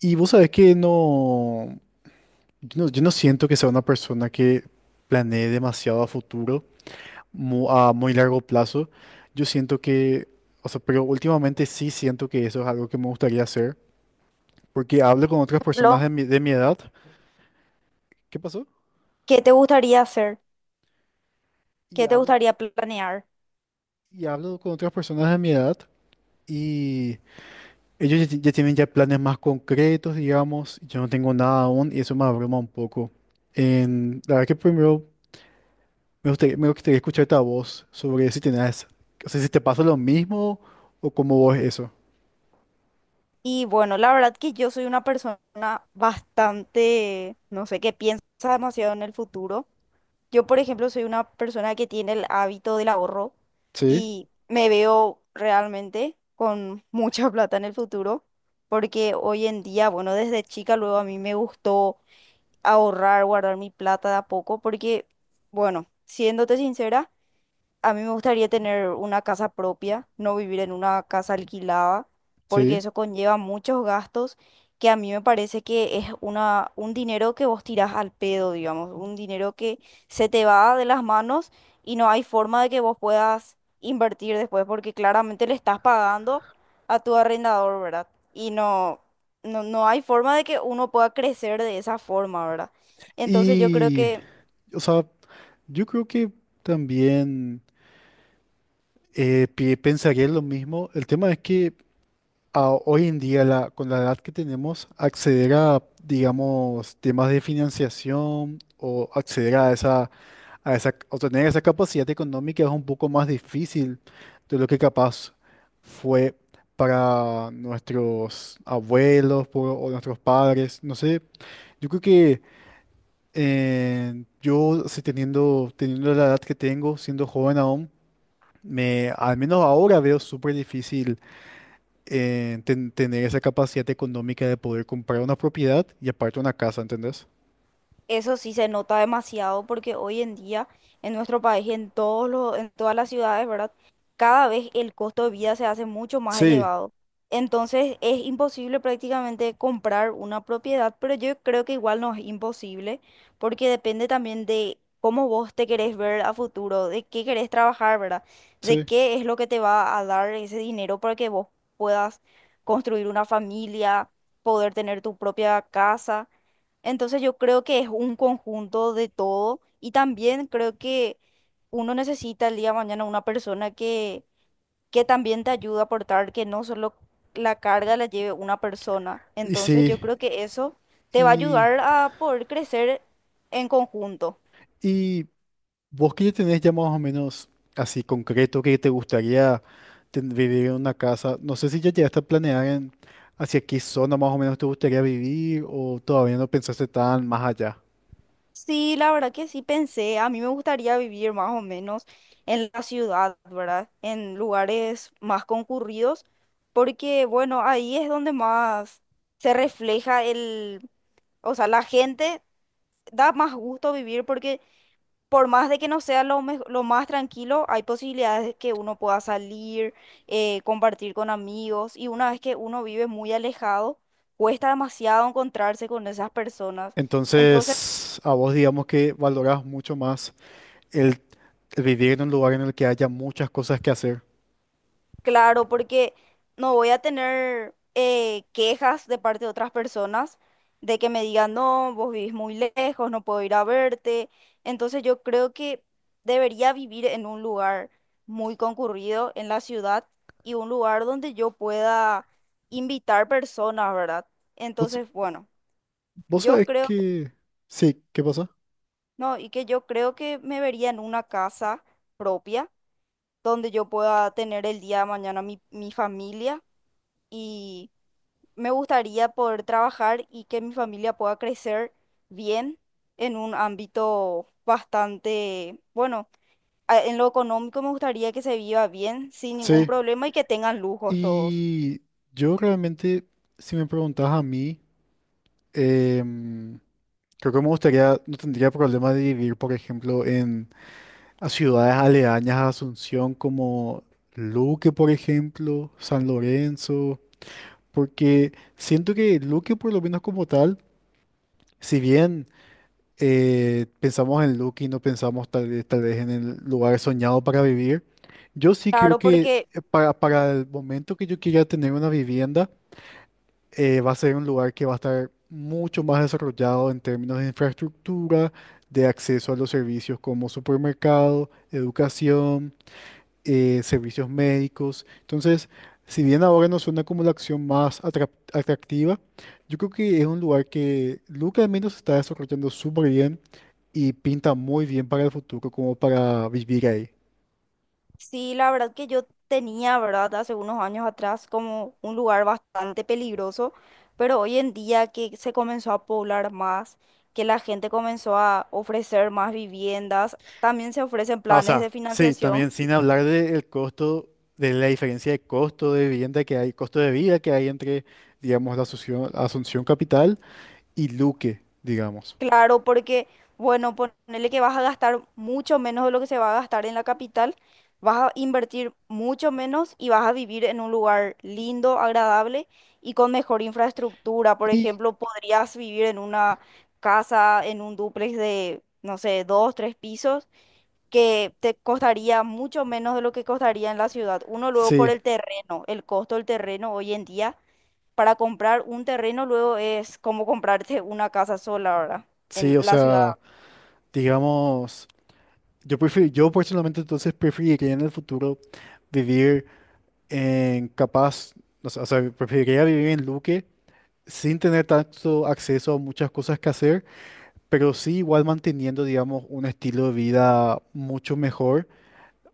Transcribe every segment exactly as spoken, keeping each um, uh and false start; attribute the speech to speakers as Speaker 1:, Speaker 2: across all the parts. Speaker 1: Y vos sabés que no, yo no, yo no siento que sea una persona que planee demasiado a futuro, mu- a muy largo plazo. Yo siento que, o sea, pero últimamente sí siento que eso es algo que me gustaría hacer, porque hablo con otras personas
Speaker 2: Ejemplo,
Speaker 1: de mi, de mi edad. ¿Qué pasó?
Speaker 2: ¿qué te gustaría hacer?
Speaker 1: Y
Speaker 2: ¿Qué te
Speaker 1: hablo,
Speaker 2: gustaría planear?
Speaker 1: y hablo con otras personas de mi edad y ellos ya, ya tienen ya planes más concretos, digamos. Yo no tengo nada aún y eso me abruma un poco. En, la verdad que primero Me gustaría, me gustaría escuchar tu voz sobre si tenés, o sea, si te pasa lo mismo o cómo vos eso.
Speaker 2: Y bueno, la verdad que yo soy una persona bastante, no sé, que piensa demasiado en el futuro. Yo, por ejemplo, soy una persona que tiene el hábito del ahorro
Speaker 1: Sí,
Speaker 2: y me veo realmente con mucha plata en el futuro, porque hoy en día, bueno, desde chica luego a mí me gustó ahorrar, guardar mi plata de a poco, porque, bueno, siéndote sincera, a mí me gustaría tener una casa propia, no vivir en una casa alquilada, porque
Speaker 1: sí.
Speaker 2: eso conlleva muchos gastos que a mí me parece que es una, un dinero que vos tirás al pedo, digamos, un dinero que se te va de las manos y no hay forma de que vos puedas invertir después, porque claramente le estás pagando a tu arrendador, ¿verdad? Y no, no, no hay forma de que uno pueda crecer de esa forma, ¿verdad? Entonces yo creo
Speaker 1: Y,
Speaker 2: que
Speaker 1: o sea, yo creo que también eh, pi- pensaría lo mismo. El tema es que a hoy en día, la- con la edad que tenemos, acceder a, digamos, temas de financiación o acceder a esa, a esa, o tener esa capacidad económica es un poco más difícil de lo que capaz fue para nuestros abuelos por- o nuestros padres. No sé, yo creo que eh, yo, si teniendo, teniendo la edad que tengo, siendo joven aún, me, al menos ahora veo súper difícil eh, ten- tener esa capacidad económica de poder comprar una propiedad y aparte una casa, ¿entendés?
Speaker 2: eso sí se nota demasiado porque hoy en día en nuestro país, en todos los, en todas las ciudades, ¿verdad? Cada vez el costo de vida se hace mucho más
Speaker 1: Sí,
Speaker 2: elevado. Entonces es imposible prácticamente comprar una propiedad, pero yo creo que igual no es imposible porque depende también de cómo vos te querés ver a futuro, de qué querés trabajar, ¿verdad? De
Speaker 1: sí.
Speaker 2: qué es lo que te va a dar ese dinero para que vos puedas construir una familia, poder tener tu propia casa. Entonces yo creo que es un conjunto de todo y también creo que uno necesita el día de mañana una persona que, que también te ayude a aportar, que no solo la carga la lleve una persona.
Speaker 1: Y
Speaker 2: Entonces yo
Speaker 1: sí,
Speaker 2: creo que eso te va a
Speaker 1: y,
Speaker 2: ayudar a poder crecer en conjunto.
Speaker 1: y vos que ya tenés ya más o menos así concreto que te gustaría ten- vivir en una casa, no sé si ya llegaste a planear en hacia qué zona más o menos te gustaría vivir o todavía no pensaste tan más allá.
Speaker 2: Sí, la verdad que sí pensé, a mí me gustaría vivir más o menos en la ciudad, ¿verdad? En lugares más concurridos, porque bueno, ahí es donde más se refleja el, o sea, la gente da más gusto vivir porque por más de que no sea lo, mej- lo más tranquilo, hay posibilidades de que uno pueda salir, eh, compartir con amigos y una vez que uno vive muy alejado, cuesta demasiado encontrarse con esas personas. Entonces,
Speaker 1: Entonces, a vos digamos que valorás mucho más el, el vivir en un lugar en el que haya muchas cosas que hacer.
Speaker 2: claro, porque no voy a tener eh, quejas de parte de otras personas de que me digan, no, vos vivís muy lejos, no puedo ir a verte. Entonces yo creo que debería vivir en un lugar muy concurrido en la ciudad y un lugar donde yo pueda invitar personas, ¿verdad? Entonces, bueno,
Speaker 1: Vos
Speaker 2: yo
Speaker 1: sabés
Speaker 2: creo,
Speaker 1: que... Sí, ¿qué pasa?
Speaker 2: no, y que yo creo que me vería en una casa propia donde yo pueda tener el día de mañana mi, mi familia. Me gustaría poder trabajar y que mi familia pueda crecer bien en un ámbito bastante, bueno, a- en lo económico me gustaría que se viva bien, sin ningún
Speaker 1: Sí.
Speaker 2: problema y que tengan lujos todos.
Speaker 1: Y yo realmente, si me preguntás a mí, em, creo que me gustaría, no tendría problema de vivir, por ejemplo, en a ciudades aledañas a Asunción como Luque, por ejemplo, San Lorenzo, porque siento que Luque, por lo menos como tal, si bien... eh, pensamos en Lucky, no pensamos tal vez, tal vez en el lugar soñado para vivir. Yo sí creo
Speaker 2: Claro,
Speaker 1: que
Speaker 2: porque
Speaker 1: eh, para, para el momento que yo quiera tener una vivienda, eh, va a ser un lugar que va a estar mucho más desarrollado en términos de infraestructura, de acceso a los servicios como supermercado, educación, eh, servicios médicos. Entonces, si bien ahora no suena como la acción más atrap- atractiva, yo creo que es un lugar que Luca al menos está desarrollando súper bien y pinta muy bien para el futuro como para vivir ahí.
Speaker 2: sí, la verdad que yo tenía, ¿verdad? Hace unos años atrás como un lugar bastante peligroso, pero hoy en día que se comenzó a poblar más, que la gente comenzó a ofrecer más viviendas, también se ofrecen
Speaker 1: Ah, o
Speaker 2: planes
Speaker 1: sea,
Speaker 2: de
Speaker 1: sí,
Speaker 2: financiación.
Speaker 1: también sin hablar del costo, de la diferencia de costo de vivienda que hay, costo de vida que hay entre, digamos, la Asunción, Asunción Capital y Luque, digamos.
Speaker 2: Claro, porque, bueno, ponerle que vas a gastar mucho menos de lo que se va a gastar en la capital, vas a invertir mucho menos y vas a vivir en un lugar lindo, agradable y con mejor infraestructura. Por
Speaker 1: Y
Speaker 2: ejemplo, podrías vivir en una casa, en un dúplex de, no sé, dos, tres pisos, que te costaría mucho menos de lo que costaría en la ciudad. Uno, luego por
Speaker 1: sí,
Speaker 2: el terreno, el costo del terreno hoy en día para comprar un terreno luego es como comprarte una casa sola, ¿verdad?
Speaker 1: sí, o
Speaker 2: En la ciudad.
Speaker 1: sea, digamos, yo prefiero, yo personalmente entonces preferiría en el futuro vivir en capaz, o sea, o sea, preferiría vivir en Luque sin tener tanto acceso a muchas cosas que hacer pero sí igual manteniendo, digamos, un estilo de vida mucho mejor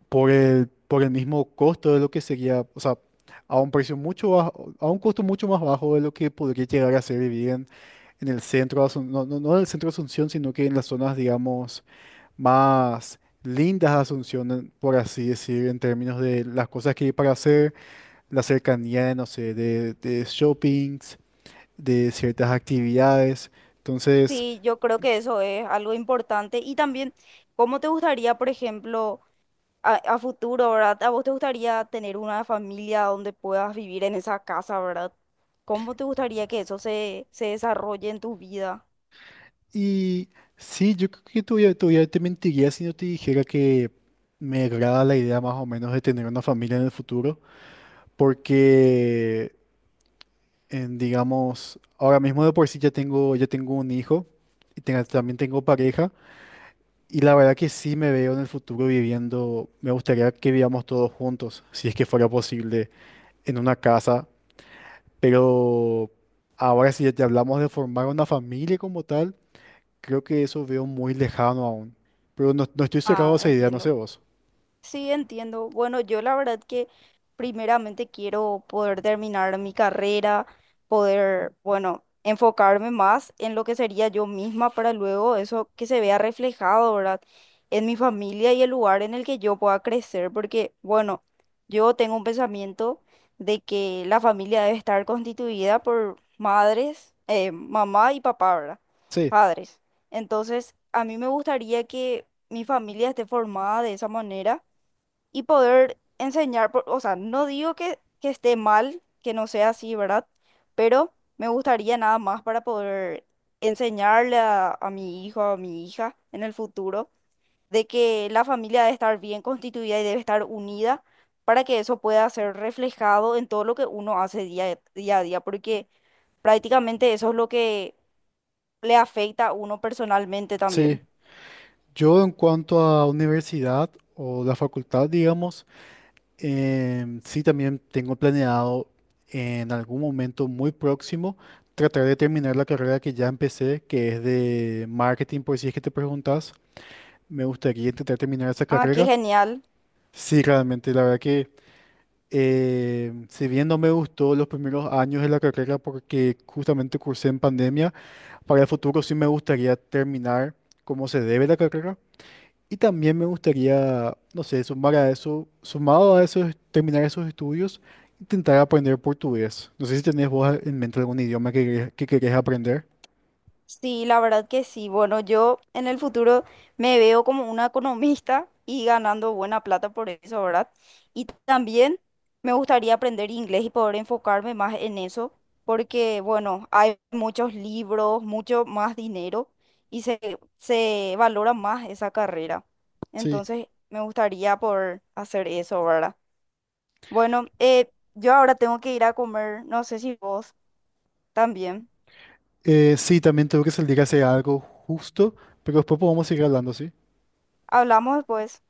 Speaker 1: por el, por el mismo costo de lo que sería, o sea, a un precio mucho bajo, a un costo mucho más bajo de lo que podría llegar a ser vivir en, en el centro, de Asun- no, no, no en el centro de Asunción, sino que en las zonas, digamos, más lindas de Asunción, en- por así decir, en términos de las cosas que hay para hacer, la cercanía, no sé, de, de shoppings, de ciertas actividades. Entonces,
Speaker 2: Sí, yo creo que eso es algo importante. Y también, ¿cómo te gustaría, por ejemplo, a, a futuro, ¿verdad? ¿A vos te gustaría tener una familia donde puedas vivir en esa casa, ¿verdad? ¿Cómo te gustaría que eso se, se desarrolle en tu vida?
Speaker 1: y sí, yo creo que todavía, todavía te mentiría si no te dijera que me agrada la idea más o menos de tener una familia en el futuro, porque, en, digamos, ahora mismo de por sí ya tengo, ya tengo un hijo y tenga- también tengo pareja, y la verdad que sí me veo en el futuro viviendo, me gustaría que vivamos todos juntos, si es que fuera posible, en una casa, pero ahora si ya te hablamos de formar una familia como tal. Creo que eso veo muy lejano aún. Pero no, no estoy cerrado a
Speaker 2: Ah,
Speaker 1: esa idea, no sé
Speaker 2: entiendo.
Speaker 1: vos.
Speaker 2: Sí, entiendo. Bueno, yo la verdad que primeramente quiero poder terminar mi carrera, poder, bueno, enfocarme más en lo que sería yo misma para luego eso que se vea reflejado, ¿verdad? En mi familia y el lugar en el que yo pueda crecer, porque, bueno, yo tengo un pensamiento de que la familia debe estar constituida por madres, eh, mamá y papá, ¿verdad?
Speaker 1: Sí,
Speaker 2: Padres. Entonces, a mí me gustaría que mi familia esté formada de esa manera y poder enseñar, por- o sea, no digo que, que esté mal, que no sea así, ¿verdad? Pero me gustaría nada más para poder enseñarle a, a mi hijo, a mi hija en el futuro, de que la familia debe estar bien constituida y debe estar unida para que eso pueda ser reflejado en todo lo que uno hace día, día a día, porque prácticamente eso es lo que le afecta a uno personalmente
Speaker 1: sí.
Speaker 2: también.
Speaker 1: Yo en cuanto a universidad o la facultad, digamos, em, sí también tengo planeado en algún momento muy próximo tratar de terminar la carrera que ya empecé, que es de marketing, por si es que te preguntas. Me gustaría intentar terminar esa
Speaker 2: Ah, qué
Speaker 1: carrera.
Speaker 2: genial.
Speaker 1: Sí, realmente, la verdad que em, si bien no me gustó los primeros años de la carrera porque justamente cursé en pandemia, para el futuro sí me gustaría terminar como se debe la carrera y también me gustaría, no sé, sumar a eso, sumado a eso, es terminar esos estudios, intentar aprender portugués. No sé si tenés vos en mente algún idioma que, querés- que querés aprender.
Speaker 2: Sí, la verdad que sí. Bueno, yo en el futuro me veo como una economista y ganando buena plata por eso, ¿verdad? Y también me gustaría aprender inglés y poder enfocarme más en eso, porque, bueno, hay muchos libros, mucho más dinero y se, se valora más esa carrera.
Speaker 1: Sí.
Speaker 2: Entonces, me gustaría poder hacer eso, ¿verdad? Bueno, eh, yo ahora tengo que ir a comer, no sé si vos también.
Speaker 1: Eh, sí, también tengo que salir a hacer algo justo, pero después podemos seguir hablando, ¿sí?
Speaker 2: Hablamos después.